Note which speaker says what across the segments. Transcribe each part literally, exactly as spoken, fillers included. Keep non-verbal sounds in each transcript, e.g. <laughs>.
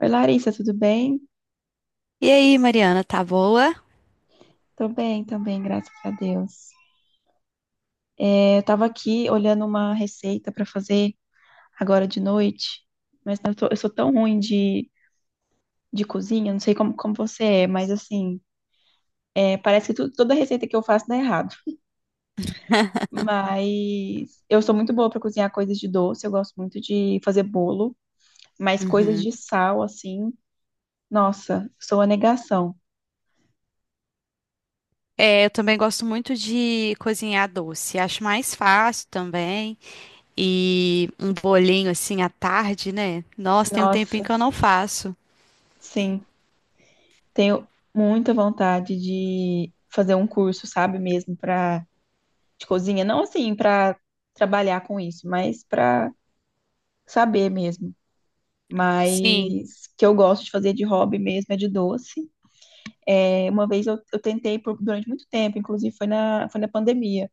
Speaker 1: Oi, Larissa, tudo bem?
Speaker 2: E aí, Mariana, tá boa?
Speaker 1: Tô bem também, graças a Deus. É, eu tava aqui olhando uma receita pra fazer agora de noite, mas eu, tô- eu sou tão ruim de, de cozinha, não sei como, como você é, mas assim, é, parece que tu- toda receita que eu faço dá errado.
Speaker 2: <laughs>
Speaker 1: Mas eu sou muito boa pra cozinhar coisas de doce, eu gosto muito de fazer bolo, mas coisas de
Speaker 2: Uhum.
Speaker 1: sal, assim, nossa, sou a negação.
Speaker 2: É, eu também gosto muito de cozinhar doce. Acho mais fácil também. E um bolinho assim à tarde, né? Nossa, tem um tempinho
Speaker 1: Nossa,
Speaker 2: que eu não faço.
Speaker 1: sim. Tenho muita vontade de fazer um curso, sabe, mesmo para de cozinha, não assim para trabalhar com isso, mas para saber mesmo.
Speaker 2: Sim,
Speaker 1: Mas que eu gosto de fazer de hobby mesmo é de doce. É, uma vez eu, eu tentei por- durante muito tempo, inclusive foi na, foi na pandemia,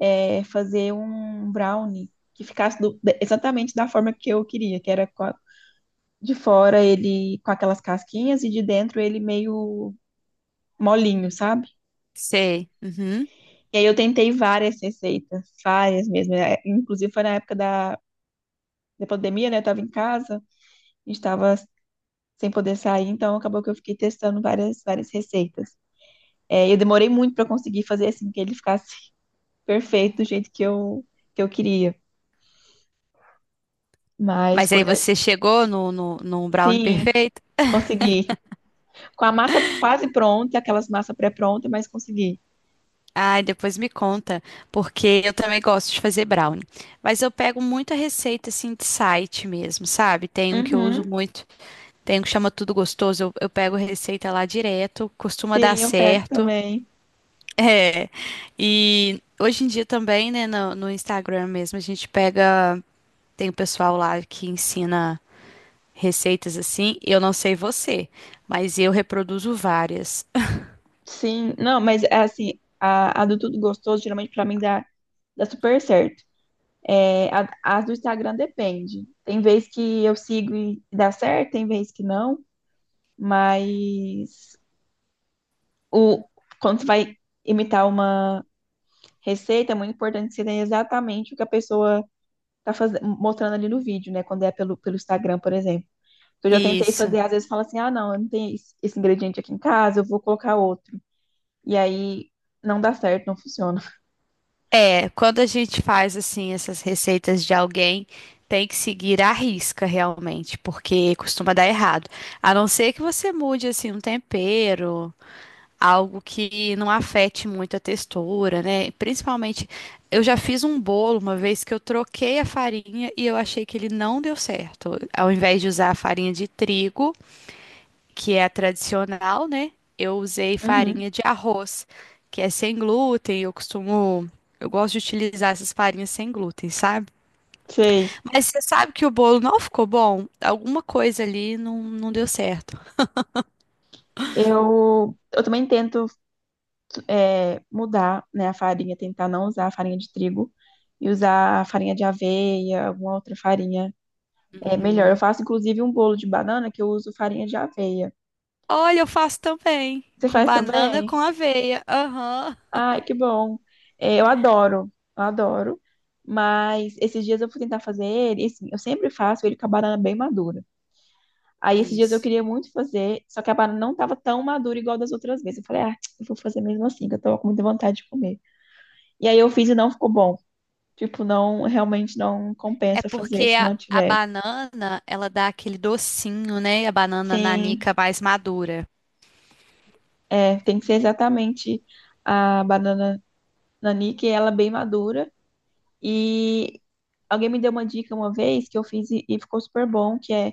Speaker 1: é, fazer um brownie que ficasse do- de- exatamente da forma que eu queria, que era com a- de fora ele com aquelas casquinhas e de dentro ele meio molinho, sabe?
Speaker 2: sei. Uhum.
Speaker 1: E aí eu tentei várias receitas, várias mesmo. É, inclusive foi na época da, da pandemia, né? Eu tava em casa, a gente tava sem poder sair, então acabou que eu fiquei testando várias, várias receitas. É, eu demorei muito para conseguir fazer assim, que ele ficasse <laughs> perfeito do jeito que eu, que eu queria. Mas
Speaker 2: Mas aí
Speaker 1: coisa.
Speaker 2: você chegou no, no, no brownie
Speaker 1: Sim,
Speaker 2: perfeito?
Speaker 1: consegui. Com a massa quase pronta, aquelas massas pré-prontas, mas consegui.
Speaker 2: Ai, depois me conta, porque eu também gosto de fazer brownie. Mas eu pego muita receita assim de site mesmo, sabe? Tem um que eu uso
Speaker 1: Uhum.
Speaker 2: muito, tem um que chama Tudo Gostoso. Eu, eu pego receita lá direto, costuma dar
Speaker 1: Sim, eu pego
Speaker 2: certo. <laughs>
Speaker 1: também.
Speaker 2: É. E hoje em dia também, né, no, no Instagram mesmo, a gente pega. Tem o pessoal lá que ensina receitas assim. Eu não sei você, mas eu reproduzo várias.
Speaker 1: Sim, não, mas é assim, a, a do tudo gostoso, geralmente pra mim dá, dá super certo. É, a- as do Instagram depende. Tem vez que eu sigo e dá certo, tem vez que não, mas o, quando você vai imitar uma receita, é muito importante você ter exatamente o que a pessoa tá fazendo, mostrando ali no vídeo, né? Quando é pelo, pelo Instagram, por exemplo. Eu já tentei
Speaker 2: Isso.
Speaker 1: fazer, às vezes fala assim, ah, não, eu não tenho esse, esse ingrediente aqui em casa, eu vou colocar outro. E aí não dá certo, não funciona.
Speaker 2: É, quando a gente faz assim essas receitas de alguém, tem que seguir à risca realmente, porque costuma dar errado. A não ser que você mude assim um tempero, algo que não afete muito a textura, né? Principalmente, eu já fiz um bolo uma vez que eu troquei a farinha e eu achei que ele não deu certo. Ao invés de usar a farinha de trigo, que é a tradicional, né? Eu usei
Speaker 1: Uhum,
Speaker 2: farinha de arroz, que é sem glúten. Eu costumo, eu gosto de utilizar essas farinhas sem glúten, sabe?
Speaker 1: sei.
Speaker 2: Mas você sabe que o bolo não ficou bom? Alguma coisa ali não, não deu certo.
Speaker 1: Eu, eu também tento é, mudar, né, a farinha, tentar não usar a farinha de trigo e usar a farinha de aveia, alguma outra farinha. É melhor. Eu
Speaker 2: Uhum.
Speaker 1: faço, inclusive, um bolo de banana que eu uso farinha de aveia.
Speaker 2: Olha, eu faço também,
Speaker 1: Você
Speaker 2: com
Speaker 1: faz
Speaker 2: banana com
Speaker 1: também?
Speaker 2: aveia. Aham.
Speaker 1: Ai, que bom. É, eu adoro, eu adoro. Mas esses dias eu fui tentar fazer ele, e assim, eu sempre faço ele com a banana bem madura. Aí esses dias eu
Speaker 2: Isso.
Speaker 1: queria muito fazer, só que a banana não estava tão madura igual das outras vezes. Eu falei, ah, eu vou fazer mesmo assim, que eu tava com muita vontade de comer. E aí eu fiz e não ficou bom. Tipo, não, realmente não
Speaker 2: É
Speaker 1: compensa fazer
Speaker 2: porque
Speaker 1: se
Speaker 2: a,
Speaker 1: não
Speaker 2: a
Speaker 1: tiver.
Speaker 2: banana, ela dá aquele docinho, né? A banana
Speaker 1: Sim,
Speaker 2: nanica mais madura.
Speaker 1: é, tem que ser exatamente a banana nanique, ela é bem madura. E alguém me deu uma dica uma vez que eu fiz e, e ficou super bom, que é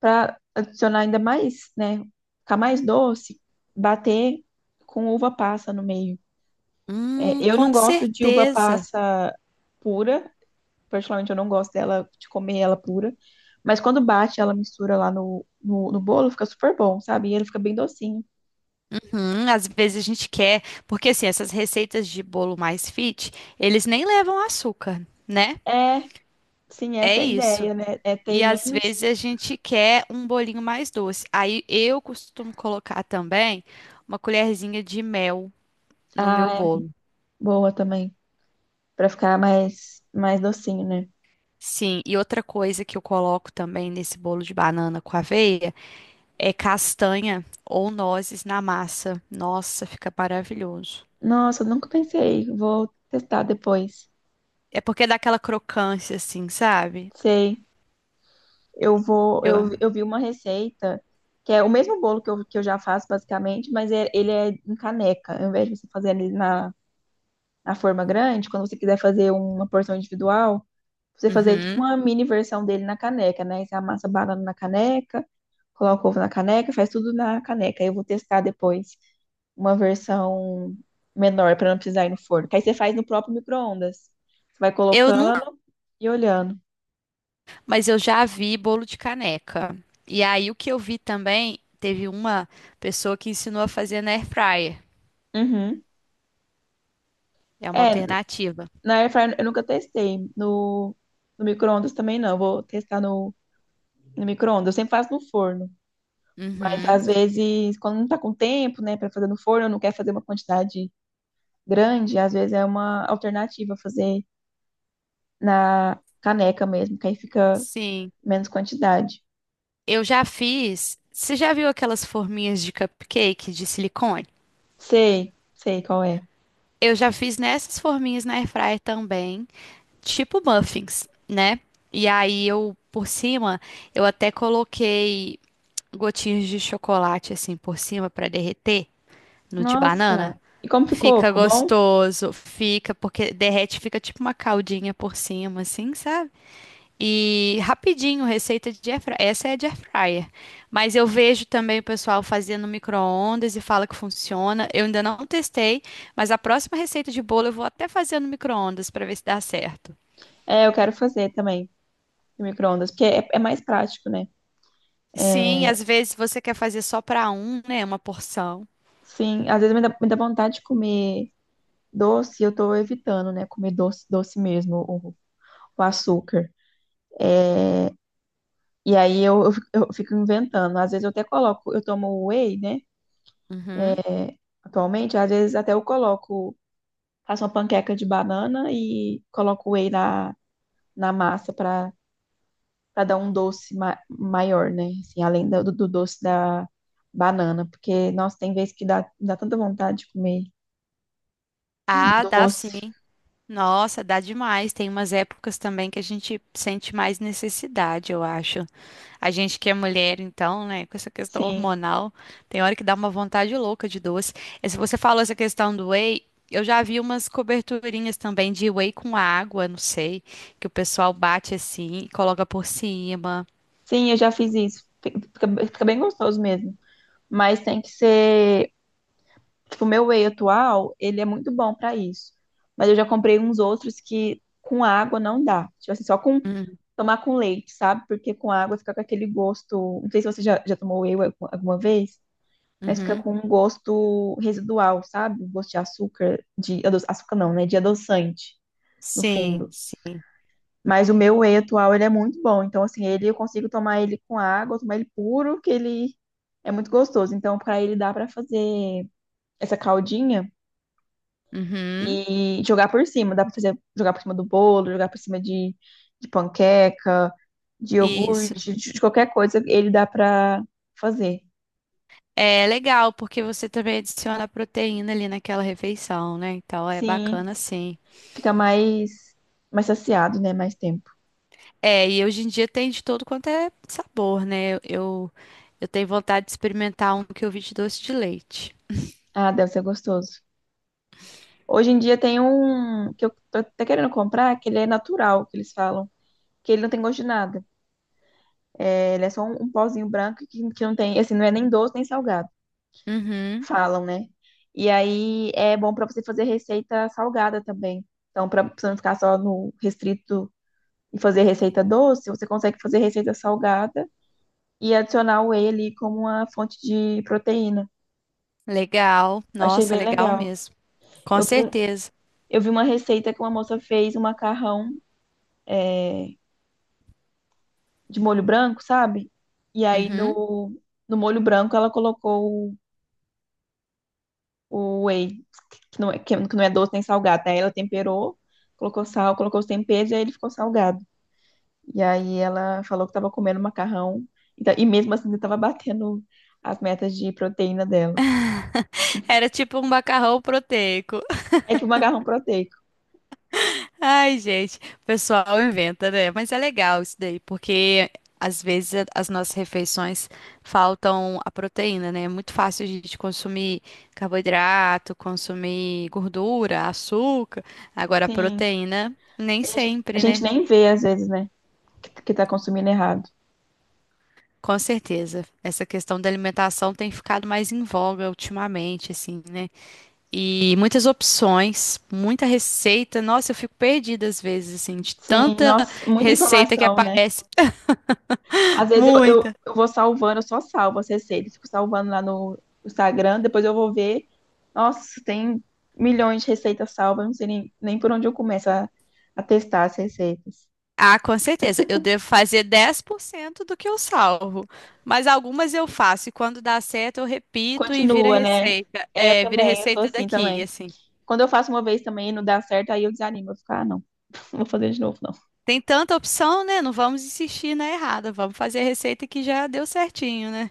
Speaker 1: para adicionar ainda mais, né, ficar mais doce, bater com uva passa no meio. É,
Speaker 2: Hum,
Speaker 1: eu não
Speaker 2: com
Speaker 1: gosto de uva
Speaker 2: certeza.
Speaker 1: passa pura, particularmente eu não gosto dela, de comer ela pura. Mas quando bate, ela mistura lá no, no, no bolo, fica super bom, sabe? E ele fica bem docinho.
Speaker 2: Hum, às vezes a gente quer, porque assim, essas receitas de bolo mais fit, eles nem levam açúcar, né?
Speaker 1: É, sim,
Speaker 2: É
Speaker 1: essa é a
Speaker 2: isso.
Speaker 1: ideia, né? É ter
Speaker 2: E às
Speaker 1: menos.
Speaker 2: vezes a gente quer um bolinho mais doce. Aí eu costumo colocar também uma colherzinha de mel no
Speaker 1: Ah,
Speaker 2: meu
Speaker 1: é
Speaker 2: bolo.
Speaker 1: boa também. Pra ficar mais, mais docinho, né?
Speaker 2: Sim, e outra coisa que eu coloco também nesse bolo de banana com aveia é castanha ou nozes na massa. Nossa, fica maravilhoso.
Speaker 1: Nossa, eu nunca pensei. Vou testar depois.
Speaker 2: É porque dá aquela crocância assim, sabe?
Speaker 1: Sei. Eu vou.
Speaker 2: Eu...
Speaker 1: Eu, eu vi uma receita que é o mesmo bolo que eu, que eu já faço, basicamente, mas é- ele é em caneca. Ao invés de você fazer ele na, na forma grande, quando você quiser fazer uma porção individual, você fazer tipo
Speaker 2: Uhum.
Speaker 1: uma mini versão dele na caneca, né? Você amassa a banana na caneca, coloca o ovo na caneca, faz tudo na caneca. Eu vou testar depois uma versão menor para não precisar ir no forno. Que aí você faz no próprio micro-ondas. Você vai
Speaker 2: Eu
Speaker 1: colocando e olhando.
Speaker 2: Mas eu já vi bolo de caneca. E aí o que eu vi também, teve uma pessoa que ensinou a fazer na air fryer.
Speaker 1: Uhum.
Speaker 2: É uma
Speaker 1: É,
Speaker 2: alternativa.
Speaker 1: na air fryer eu nunca testei. No, no micro-ondas também não. Eu vou testar no, no micro-ondas. Eu sempre faço no forno. Mas
Speaker 2: Uhum.
Speaker 1: às vezes, quando não está com tempo, né, para fazer no forno, não quer fazer uma quantidade grande, às vezes é uma alternativa fazer na caneca mesmo, que aí fica
Speaker 2: Sim.
Speaker 1: menos quantidade.
Speaker 2: Eu já fiz. Você já viu aquelas forminhas de cupcake de silicone?
Speaker 1: Sei, sei qual é.
Speaker 2: Eu já fiz nessas forminhas na air fryer também, tipo muffins, né? E aí eu por cima, eu até coloquei gotinhas de chocolate assim por cima para derreter. No de banana.
Speaker 1: Nossa, e como ficou?
Speaker 2: Fica
Speaker 1: Ficou bom?
Speaker 2: gostoso, fica, porque derrete, fica tipo uma caldinha por cima, assim, sabe? E rapidinho, receita de air fryer. Essa é de air fryer. Mas eu vejo também o pessoal fazendo no micro-ondas e fala que funciona. Eu ainda não testei, mas a próxima receita de bolo eu vou até fazer no micro-ondas para ver se dá certo.
Speaker 1: É, eu quero fazer também no micro-ondas, porque é, é mais prático, né?
Speaker 2: Sim,
Speaker 1: É,
Speaker 2: às vezes você quer fazer só para um, né? Uma porção.
Speaker 1: sim, às vezes me dá, me dá vontade de comer doce, eu tô evitando, né, comer doce, doce mesmo, o, o açúcar. É, e aí eu, eu fico eu fico inventando. Às vezes eu até coloco, eu tomo whey, né?
Speaker 2: Uhum.
Speaker 1: É, atualmente, às vezes até eu coloco, faço uma panqueca de banana e coloco whey na, na massa para para dar um doce ma maior, né? Assim, além do, do doce da banana, porque, nossa, tem vezes que dá, dá tanta vontade de comer um
Speaker 2: Ah, dá
Speaker 1: doce.
Speaker 2: sim. Nossa, dá demais. Tem umas épocas também que a gente sente mais necessidade, eu acho. A gente que é mulher, então, né, com essa questão
Speaker 1: Sim,
Speaker 2: hormonal, tem hora que dá uma vontade louca de doce. E se você falou essa questão do whey, eu já vi umas coberturinhas também de whey com água, não sei, que o pessoal bate assim e coloca por cima.
Speaker 1: sim, eu já fiz isso. Fica, fica bem gostoso mesmo. Mas tem que ser. Tipo, o meu whey atual, ele é muito bom pra isso. Mas eu já comprei uns outros que com água não dá. Tipo assim, só com
Speaker 2: Hum,
Speaker 1: tomar com leite, sabe? Porque com água fica com aquele gosto. Não sei se você já, já tomou whey alguma vez, mas fica
Speaker 2: Uhum.
Speaker 1: com um gosto residual, sabe? Um gosto de açúcar, de ado- açúcar não, né? De adoçante, no
Speaker 2: Sim,
Speaker 1: fundo.
Speaker 2: sim.
Speaker 1: Mas o meu whey atual, ele é muito bom. Então, assim, ele eu consigo tomar ele com água, tomar ele puro, que ele é muito gostoso. Então, pra ele dá pra fazer essa caldinha
Speaker 2: Uhum.
Speaker 1: e jogar por cima. Dá pra fazer jogar por cima do bolo, jogar por cima de, de panqueca, de
Speaker 2: Isso.
Speaker 1: iogurte, de, de qualquer coisa, ele dá pra fazer.
Speaker 2: É legal, porque você também adiciona proteína ali naquela refeição, né? Então é
Speaker 1: Sim,
Speaker 2: bacana sim.
Speaker 1: fica mais, mais saciado, né? Mais tempo.
Speaker 2: É, e hoje em dia tem de todo quanto é sabor, né? Eu, eu tenho vontade de experimentar um que eu vi de doce de leite.
Speaker 1: Ah, deve ser gostoso. Hoje em dia tem um que eu tô até querendo comprar, que ele é natural, que eles falam, que ele não tem gosto de nada. É, ele é só um, um pozinho branco que, que não tem, assim, não é nem doce nem salgado.
Speaker 2: Uhum,
Speaker 1: Falam, né? E aí é bom para você fazer receita salgada também. Então, para você não ficar só no restrito e fazer receita doce, você consegue fazer receita salgada e adicionar o whey ali como uma fonte de proteína.
Speaker 2: legal.
Speaker 1: Achei
Speaker 2: Nossa,
Speaker 1: bem
Speaker 2: legal
Speaker 1: legal.
Speaker 2: mesmo. Com
Speaker 1: Eu vi, um-
Speaker 2: certeza.
Speaker 1: eu vi uma receita que uma moça fez um macarrão é, de molho branco, sabe? E aí
Speaker 2: Uhum.
Speaker 1: no, no molho branco ela colocou o, o whey, que não, é, que não é doce nem salgado, né? Ela temperou, colocou sal, colocou os temperos e aí ele ficou salgado. E aí ela falou que estava comendo macarrão. Então, e mesmo assim, estava batendo as metas de proteína dela.
Speaker 2: Era tipo um macarrão proteico.
Speaker 1: É tipo macarrão proteico.
Speaker 2: Ai, gente, o pessoal inventa, né? Mas é legal isso daí, porque às vezes a- as nossas refeições faltam a proteína, né? É muito fácil a gente consumir carboidrato, consumir gordura, açúcar. Agora, a
Speaker 1: Sim.
Speaker 2: proteína, nem
Speaker 1: A gente, a
Speaker 2: sempre,
Speaker 1: gente
Speaker 2: né?
Speaker 1: nem vê, às vezes, né? Que, que tá consumindo errado.
Speaker 2: Com certeza. Essa questão da alimentação tem ficado mais em voga ultimamente, assim, né? E muitas opções, muita receita. Nossa, eu fico perdida às vezes, assim, de
Speaker 1: Sim,
Speaker 2: tanta
Speaker 1: nossa, muita
Speaker 2: receita que
Speaker 1: informação, né?
Speaker 2: aparece.
Speaker 1: Às vezes eu, eu,
Speaker 2: Muita.
Speaker 1: eu vou salvando, eu só salvo as receitas, fico salvando lá no Instagram, depois eu vou ver. Nossa, tem milhões de receitas salvas, eu não sei nem, nem por onde eu começo a, a testar as receitas.
Speaker 2: Ah, com certeza. Eu devo fazer dez por cento do que eu salvo. Mas algumas eu faço e quando dá certo eu repito e vira
Speaker 1: Continua, né?
Speaker 2: receita.
Speaker 1: É, eu
Speaker 2: É, vira
Speaker 1: também, eu sou
Speaker 2: receita
Speaker 1: assim
Speaker 2: daqui,
Speaker 1: também.
Speaker 2: assim.
Speaker 1: Quando eu faço uma vez também e não dá certo, aí eu desanimo. Eu fico, ah, não, não vou fazer de novo, não.
Speaker 2: Tem tanta opção, né? Não vamos insistir na errada. Vamos fazer a receita que já deu certinho, né?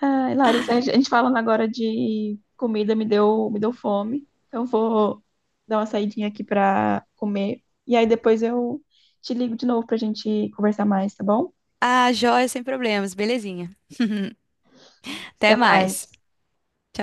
Speaker 1: Ai, Larissa, a gente falando agora de comida me deu, me deu fome. Então eu vou dar uma saidinha aqui pra comer. E aí depois eu te ligo de novo pra gente conversar mais, tá bom?
Speaker 2: Ah, joia, sem problemas. Belezinha. Até
Speaker 1: Até
Speaker 2: mais.
Speaker 1: mais.
Speaker 2: Tchau,